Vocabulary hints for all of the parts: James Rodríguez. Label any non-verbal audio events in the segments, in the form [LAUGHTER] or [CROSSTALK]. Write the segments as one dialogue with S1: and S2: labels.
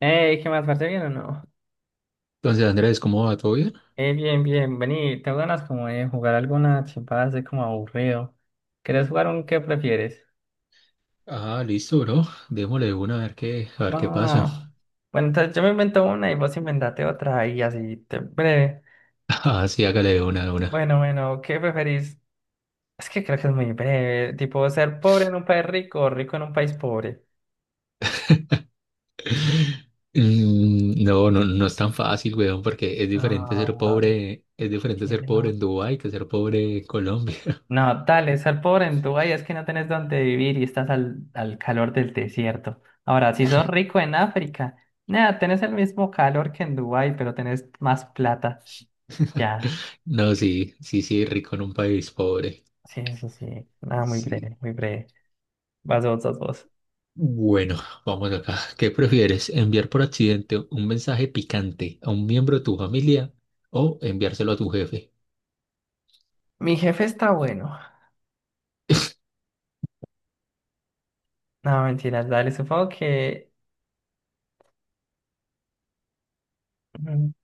S1: Hey, ¿qué más, parce? ¿Bien o no?
S2: Entonces, Andrés, ¿cómo va? ¿Todo bien?
S1: Bien, bien, vení, tengo ganas como de jugar alguna chimpada así como aburrido. ¿Querés jugar un qué prefieres?
S2: Ah, listo, bro. Démosle de una a ver qué pasa.
S1: Va.
S2: [LAUGHS]
S1: Bueno, entonces yo me invento una y vos inventate otra y así, te breve.
S2: Ah, sí, hágale de una, de una.
S1: Bueno, bueno, ¿qué preferís? Es que creo que es muy breve, tipo ser pobre en un país rico o rico en un país pobre.
S2: [LAUGHS] No, no, no es tan fácil, weón, porque es diferente ser
S1: Ah,
S2: pobre, es diferente
S1: ¿qué
S2: ser pobre en
S1: no?
S2: Dubái que ser pobre en Colombia.
S1: No, dale, estar pobre en Dubái es que no tenés dónde vivir y estás al calor del desierto. Ahora, si sos rico en África, nada, tenés el mismo calor que en Dubái, pero tenés más plata.
S2: [LAUGHS]
S1: Ya,
S2: No, sí, sí, sí, rico en un país pobre.
S1: sí, sí, sí. Nada, muy
S2: Sí.
S1: breve, muy breve. Vas vos, vas vos.
S2: Bueno, vamos acá. ¿Qué prefieres? ¿Enviar por accidente un mensaje picante a un miembro de tu familia o enviárselo a tu jefe?
S1: Mi jefe está bueno. No, mentiras, dale, supongo que mm,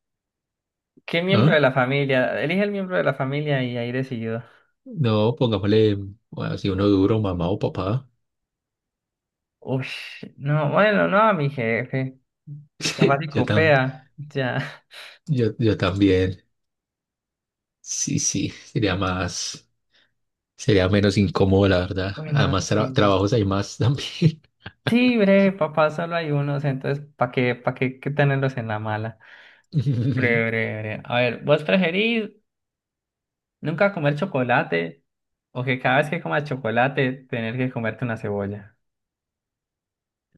S1: ¿qué miembro
S2: ¿Ah?
S1: de la familia? Elige el miembro de la familia y ahí decidido.
S2: No, pongámosle, bueno, si uno duro, mamá o papá.
S1: Uy, no, bueno, no, mi jefe. Capaz y
S2: [LAUGHS] Yo, tam,
S1: copea, ya. [LAUGHS]
S2: yo también. Sí, sí, sería menos incómodo, la verdad.
S1: Bueno,
S2: Además,
S1: sí.
S2: trabajos hay más también.
S1: Sí, breve, papá, solo hay unos, entonces, para qué, qué tenerlos en la mala? Breve,
S2: [LAUGHS]
S1: breve, breve. A ver, ¿vos preferís nunca comer chocolate o que cada vez que comas chocolate tener que comerte una cebolla?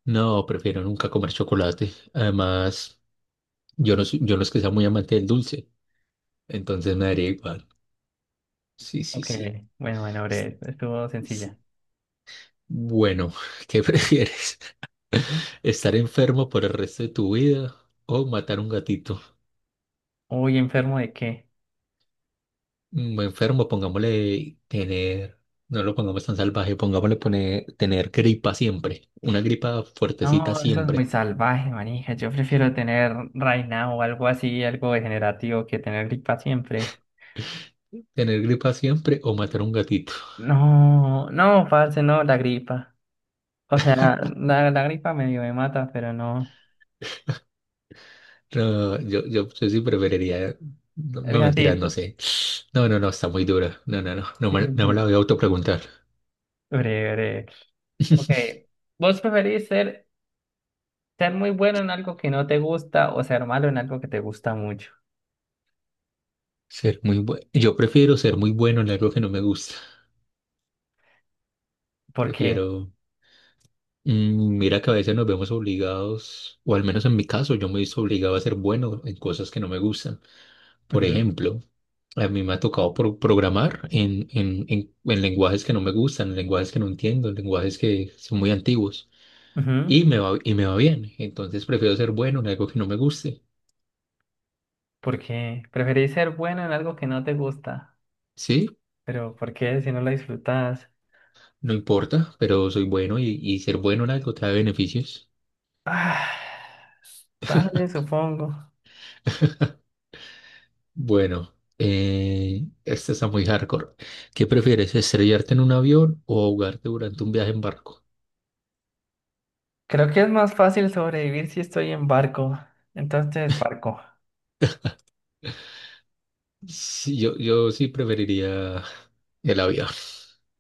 S2: No, prefiero nunca comer chocolate. Además, yo no es que sea muy amante del dulce, entonces me daría igual. Sí, sí,
S1: Ok,
S2: sí.
S1: bueno, bueno,
S2: S-
S1: breve, estuvo
S2: s-
S1: sencilla.
S2: Bueno, [LAUGHS] ¿qué prefieres? ¿Estar enfermo por el resto de tu vida o matar un gatito?
S1: Uy, ¿enfermo de qué?
S2: mm, enfermo, pongámosle tener, no lo pongamos tan salvaje, pongámosle tener gripa siempre, una gripa fuertecita
S1: No, eso es muy
S2: siempre,
S1: salvaje, manija. Yo prefiero tener reina o algo así, algo degenerativo, que tener gripa siempre.
S2: tener gripa siempre o matar un gatito. [LAUGHS]
S1: No, no, parce, no, la gripa. O sea, la gripa medio me mata, pero no.
S2: No, yo sí preferiría, no,
S1: El
S2: no mentiras, no
S1: gatito.
S2: sé. No, no, no, está muy dura. No, no, no, no
S1: Sí,
S2: me,
S1: sí,
S2: no me la
S1: sí.
S2: voy a autopreguntar.
S1: Breve, breve. Ok.
S2: [LAUGHS]
S1: ¿Vos preferís ser muy bueno en algo que no te gusta o ser malo en algo que te gusta mucho?
S2: Ser muy bueno. Yo prefiero ser muy bueno en algo que no me gusta.
S1: ¿Por qué?
S2: Prefiero. Mira que a veces nos vemos obligados, o al menos en mi caso, yo me he visto obligado a ser bueno en cosas que no me gustan. Por
S1: Ujú,
S2: ejemplo, a mí me ha tocado programar en lenguajes que no me gustan, en lenguajes que no entiendo, en lenguajes que son muy antiguos
S1: ujú.
S2: y me va bien. Entonces prefiero ser bueno en algo que no me guste.
S1: ¿Por qué? ¿Preferís ser bueno en algo que no te gusta?
S2: Sí,
S1: ¿Pero por qué si no lo disfrutas?
S2: no importa, pero soy bueno y ser bueno en algo trae beneficios.
S1: Ah, dale, supongo.
S2: Bueno, esta está muy hardcore. ¿Qué prefieres, estrellarte en un avión o ahogarte durante un viaje en barco?
S1: Creo que es más fácil sobrevivir si estoy en barco. Entonces, barco.
S2: Sí, yo sí preferiría el avión.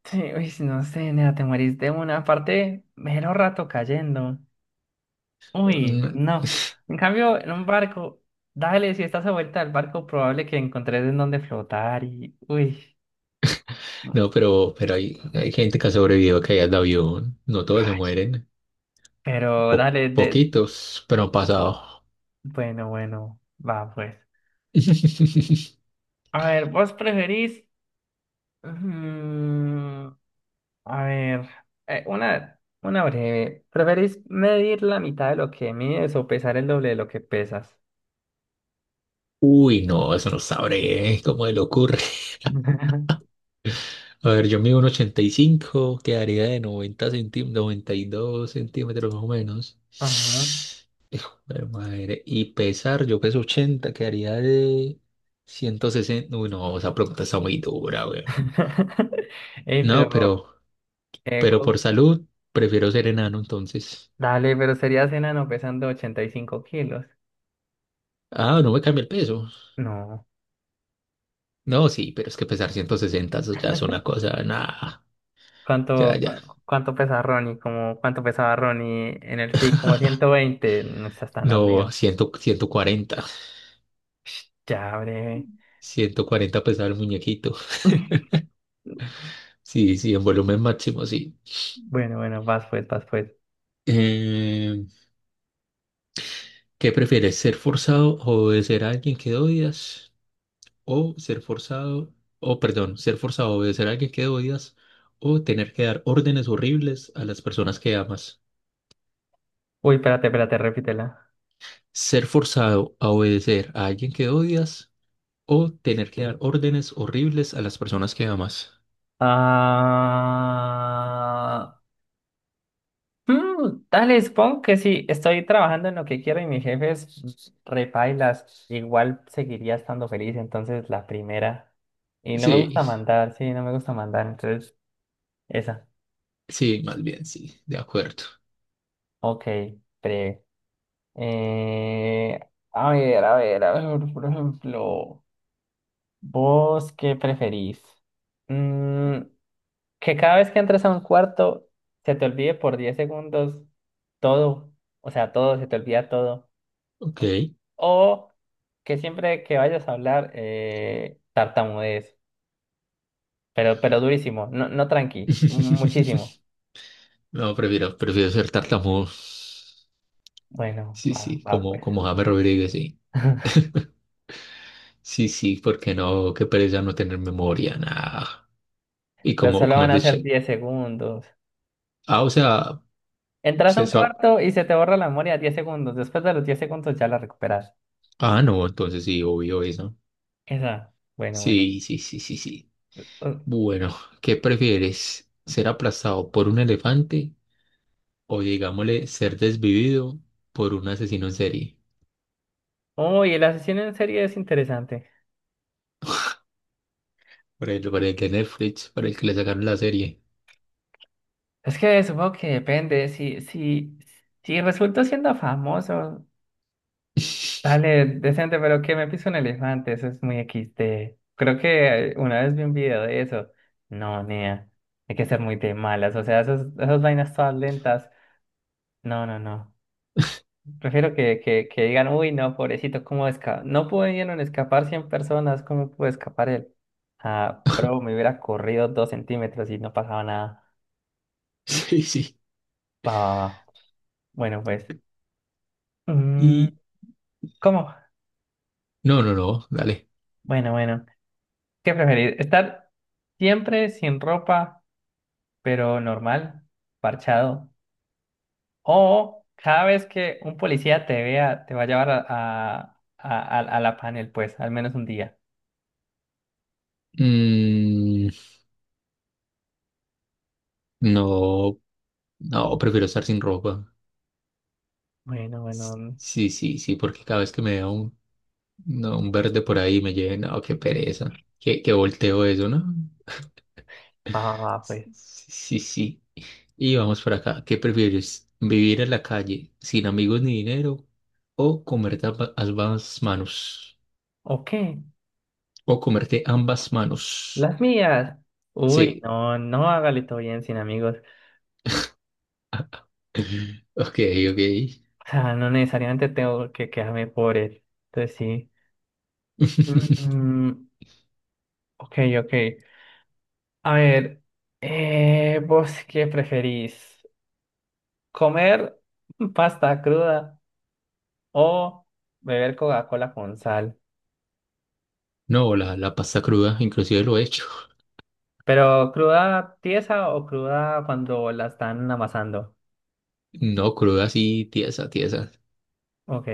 S1: Sí, uy, no sé, nena, te morís de una parte, mero rato cayendo. Uy, no. En cambio, en un barco, dale, si estás a vuelta al barco, probable que encontres en dónde flotar y... Uy, no.
S2: No, pero hay gente que ha sobrevivido a caídas de avión. No todos se
S1: Ay,
S2: mueren.
S1: pero dale, de...
S2: Poquitos, pero han pasado.
S1: Bueno, bueno, va pues.
S2: [LAUGHS]
S1: A ver, ¿vos preferís... mm, a ver, una breve. ¿Preferís medir la mitad de lo que mides o pesar el doble de lo que pesas?
S2: Uy, no, eso no sabré, ¿eh? ¿Cómo se le ocurre?
S1: [LAUGHS]
S2: A ver, yo mido un 85, quedaría de 90 centímetros, 92 centímetros más o menos.
S1: Ajá.
S2: Pero madre, y pesar, yo peso 80, quedaría de 160. Uy, no, esa pregunta está muy dura, weón.
S1: [LAUGHS] Ey,
S2: No,
S1: pero...
S2: pero,
S1: eh,
S2: pero por
S1: cu-
S2: salud, prefiero ser enano entonces.
S1: Dale, pero serías enano pesando 85 kilos.
S2: Ah, no me cambia el peso.
S1: No.
S2: No, sí, pero es que pesar 160 eso ya es una cosa, nada, ya, ya.
S1: ¿Cuánto pesa Ronnie? Como, ¿cuánto pesaba Ronnie en el pic? Como 120. No estás tan
S2: No,
S1: arriba.
S2: 100, 140,
S1: Sh, ya, breve.
S2: 140 pesaba el muñequito.
S1: [LAUGHS]
S2: Sí, sí, en volumen máximo, sí.
S1: Bueno, bueno, vas pues, vas pues.
S2: Eh, ¿Qué prefieres, ser forzado o obedecer a alguien que odias? O ser forzado, o perdón, ser forzado a obedecer a alguien que odias, o tener que dar órdenes horribles a las personas que amas.
S1: Uy, espérate, espérate, repítela.
S2: Ser forzado a obedecer a alguien que odias o tener que dar órdenes horribles a las personas que amas.
S1: Ah. Mm, dale, supongo que sí, estoy trabajando en lo que quiero y mi jefe es repailas, igual seguiría estando feliz, entonces la primera. Y no me
S2: Sí,
S1: gusta mandar, sí, no me gusta mandar, entonces esa.
S2: sí, más bien, sí, de acuerdo.
S1: Ok, pre. Eh, a ver, a ver, a ver, por ejemplo, ¿vos qué preferís? Mm, que cada vez que entres a un cuarto se te olvide por 10 segundos todo, o sea, todo, se te olvida todo.
S2: Ok.
S1: O que siempre que vayas a hablar, tartamudees, pero durísimo, no, no tranqui, muchísimo.
S2: [LAUGHS] No, prefiero ser tartamudo.
S1: Bueno,
S2: Sí,
S1: va,
S2: sí,
S1: va
S2: como,
S1: pues.
S2: como James Rodríguez, sí.
S1: [LAUGHS]
S2: Sí, sí, porque no, qué pereza no tener memoria, nada. Y
S1: Pero
S2: como,
S1: solo
S2: como
S1: van
S2: es
S1: a
S2: de
S1: ser
S2: Che-
S1: 10 segundos.
S2: Ah, o sea,
S1: Entras a
S2: se
S1: un
S2: sa-
S1: cuarto y se te borra la memoria 10 segundos. Después de los 10 segundos ya la recuperas.
S2: Ah, no, entonces sí, obvio eso.
S1: Esa, bueno, bueno.
S2: Sí, sí, sí, sí, sí.
S1: Uh,
S2: Bueno, ¿qué prefieres? ¿Ser aplastado por un elefante o digámosle ser desvivido por un asesino en serie?
S1: uy, el asesino en serie es interesante.
S2: Por ejemplo, para el que le sacaron la serie.
S1: Es que supongo que depende. Si, si resulto siendo famoso,
S2: [LAUGHS]
S1: dale, decente, pero que me pise un elefante, eso es muy equis XD. Creo que una vez vi un video de eso. No, nea, hay que ser muy de malas, o sea, esas vainas todas lentas. No, no, no. Prefiero que digan, uy, no, pobrecito, ¿cómo escapa? No pudieron escapar 100 personas, ¿cómo pudo escapar él? Ah, pero me hubiera corrido 2 centímetros y no pasaba nada.
S2: Sí, sí.
S1: Va, va, va. Bueno, pues. mm,
S2: Y
S1: ¿Cómo?
S2: no, no, no, dale.
S1: Bueno, bueno. ¿Qué preferir? ¿Estar siempre sin ropa? Pero normal, parchado. O cada vez que un policía te vea, te va a llevar a la panel, pues, al menos un día.
S2: Mm, no, no, prefiero estar sin ropa.
S1: Bueno, bueno,
S2: Sí, sí, sí, porque cada vez que me da un, no, un verde por ahí me lleven, no, qué pereza. Que volteo eso, ¿no?
S1: va, va, va,
S2: S-
S1: pues.
S2: Sí, sí. Y vamos por acá. ¿Qué prefieres? ¿Vivir en la calle sin amigos ni dinero o comerte ambas manos?
S1: Ok,
S2: O comerte ambas manos.
S1: las mías. Uy,
S2: Sí.
S1: no, no hágale todo bien sin amigos.
S2: Ok, ok.
S1: O sea, no necesariamente tengo que quedarme por él. Entonces sí.
S2: [LAUGHS]
S1: Mm, ok, ok. A ver, ¿vos qué preferís? ¿Comer pasta cruda o beber Coca-Cola con sal?
S2: No, la pasta cruda, inclusive lo he hecho.
S1: Pero cruda tiesa o cruda cuando la están amasando.
S2: No, cruda sí, tiesa, tiesa.
S1: Ok,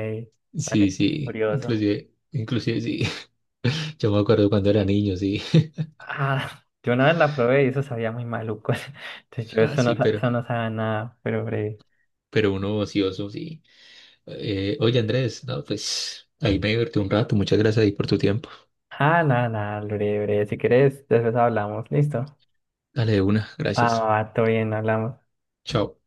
S2: Sí,
S1: vale,
S2: sí,
S1: curioso.
S2: inclusive sí. [LAUGHS] Yo me acuerdo cuando era niño, sí. [LAUGHS]
S1: Ah, [LAUGHS] yo una vez la probé y eso sabía muy maluco. [LAUGHS] Entonces yo
S2: Ah,
S1: eso no,
S2: sí,
S1: sa-
S2: pero,
S1: Eso no sabe a nada, pero breve.
S2: pero uno ocioso, sí. Oye, Andrés, no, pues ahí me divertí un rato. Muchas gracias ahí por tu tiempo.
S1: Ah, nada, nada, breve, breve. Si quieres, después hablamos. Listo.
S2: Dale de una,
S1: Ah,
S2: gracias.
S1: va, todo bien, hablamos.
S2: Chao.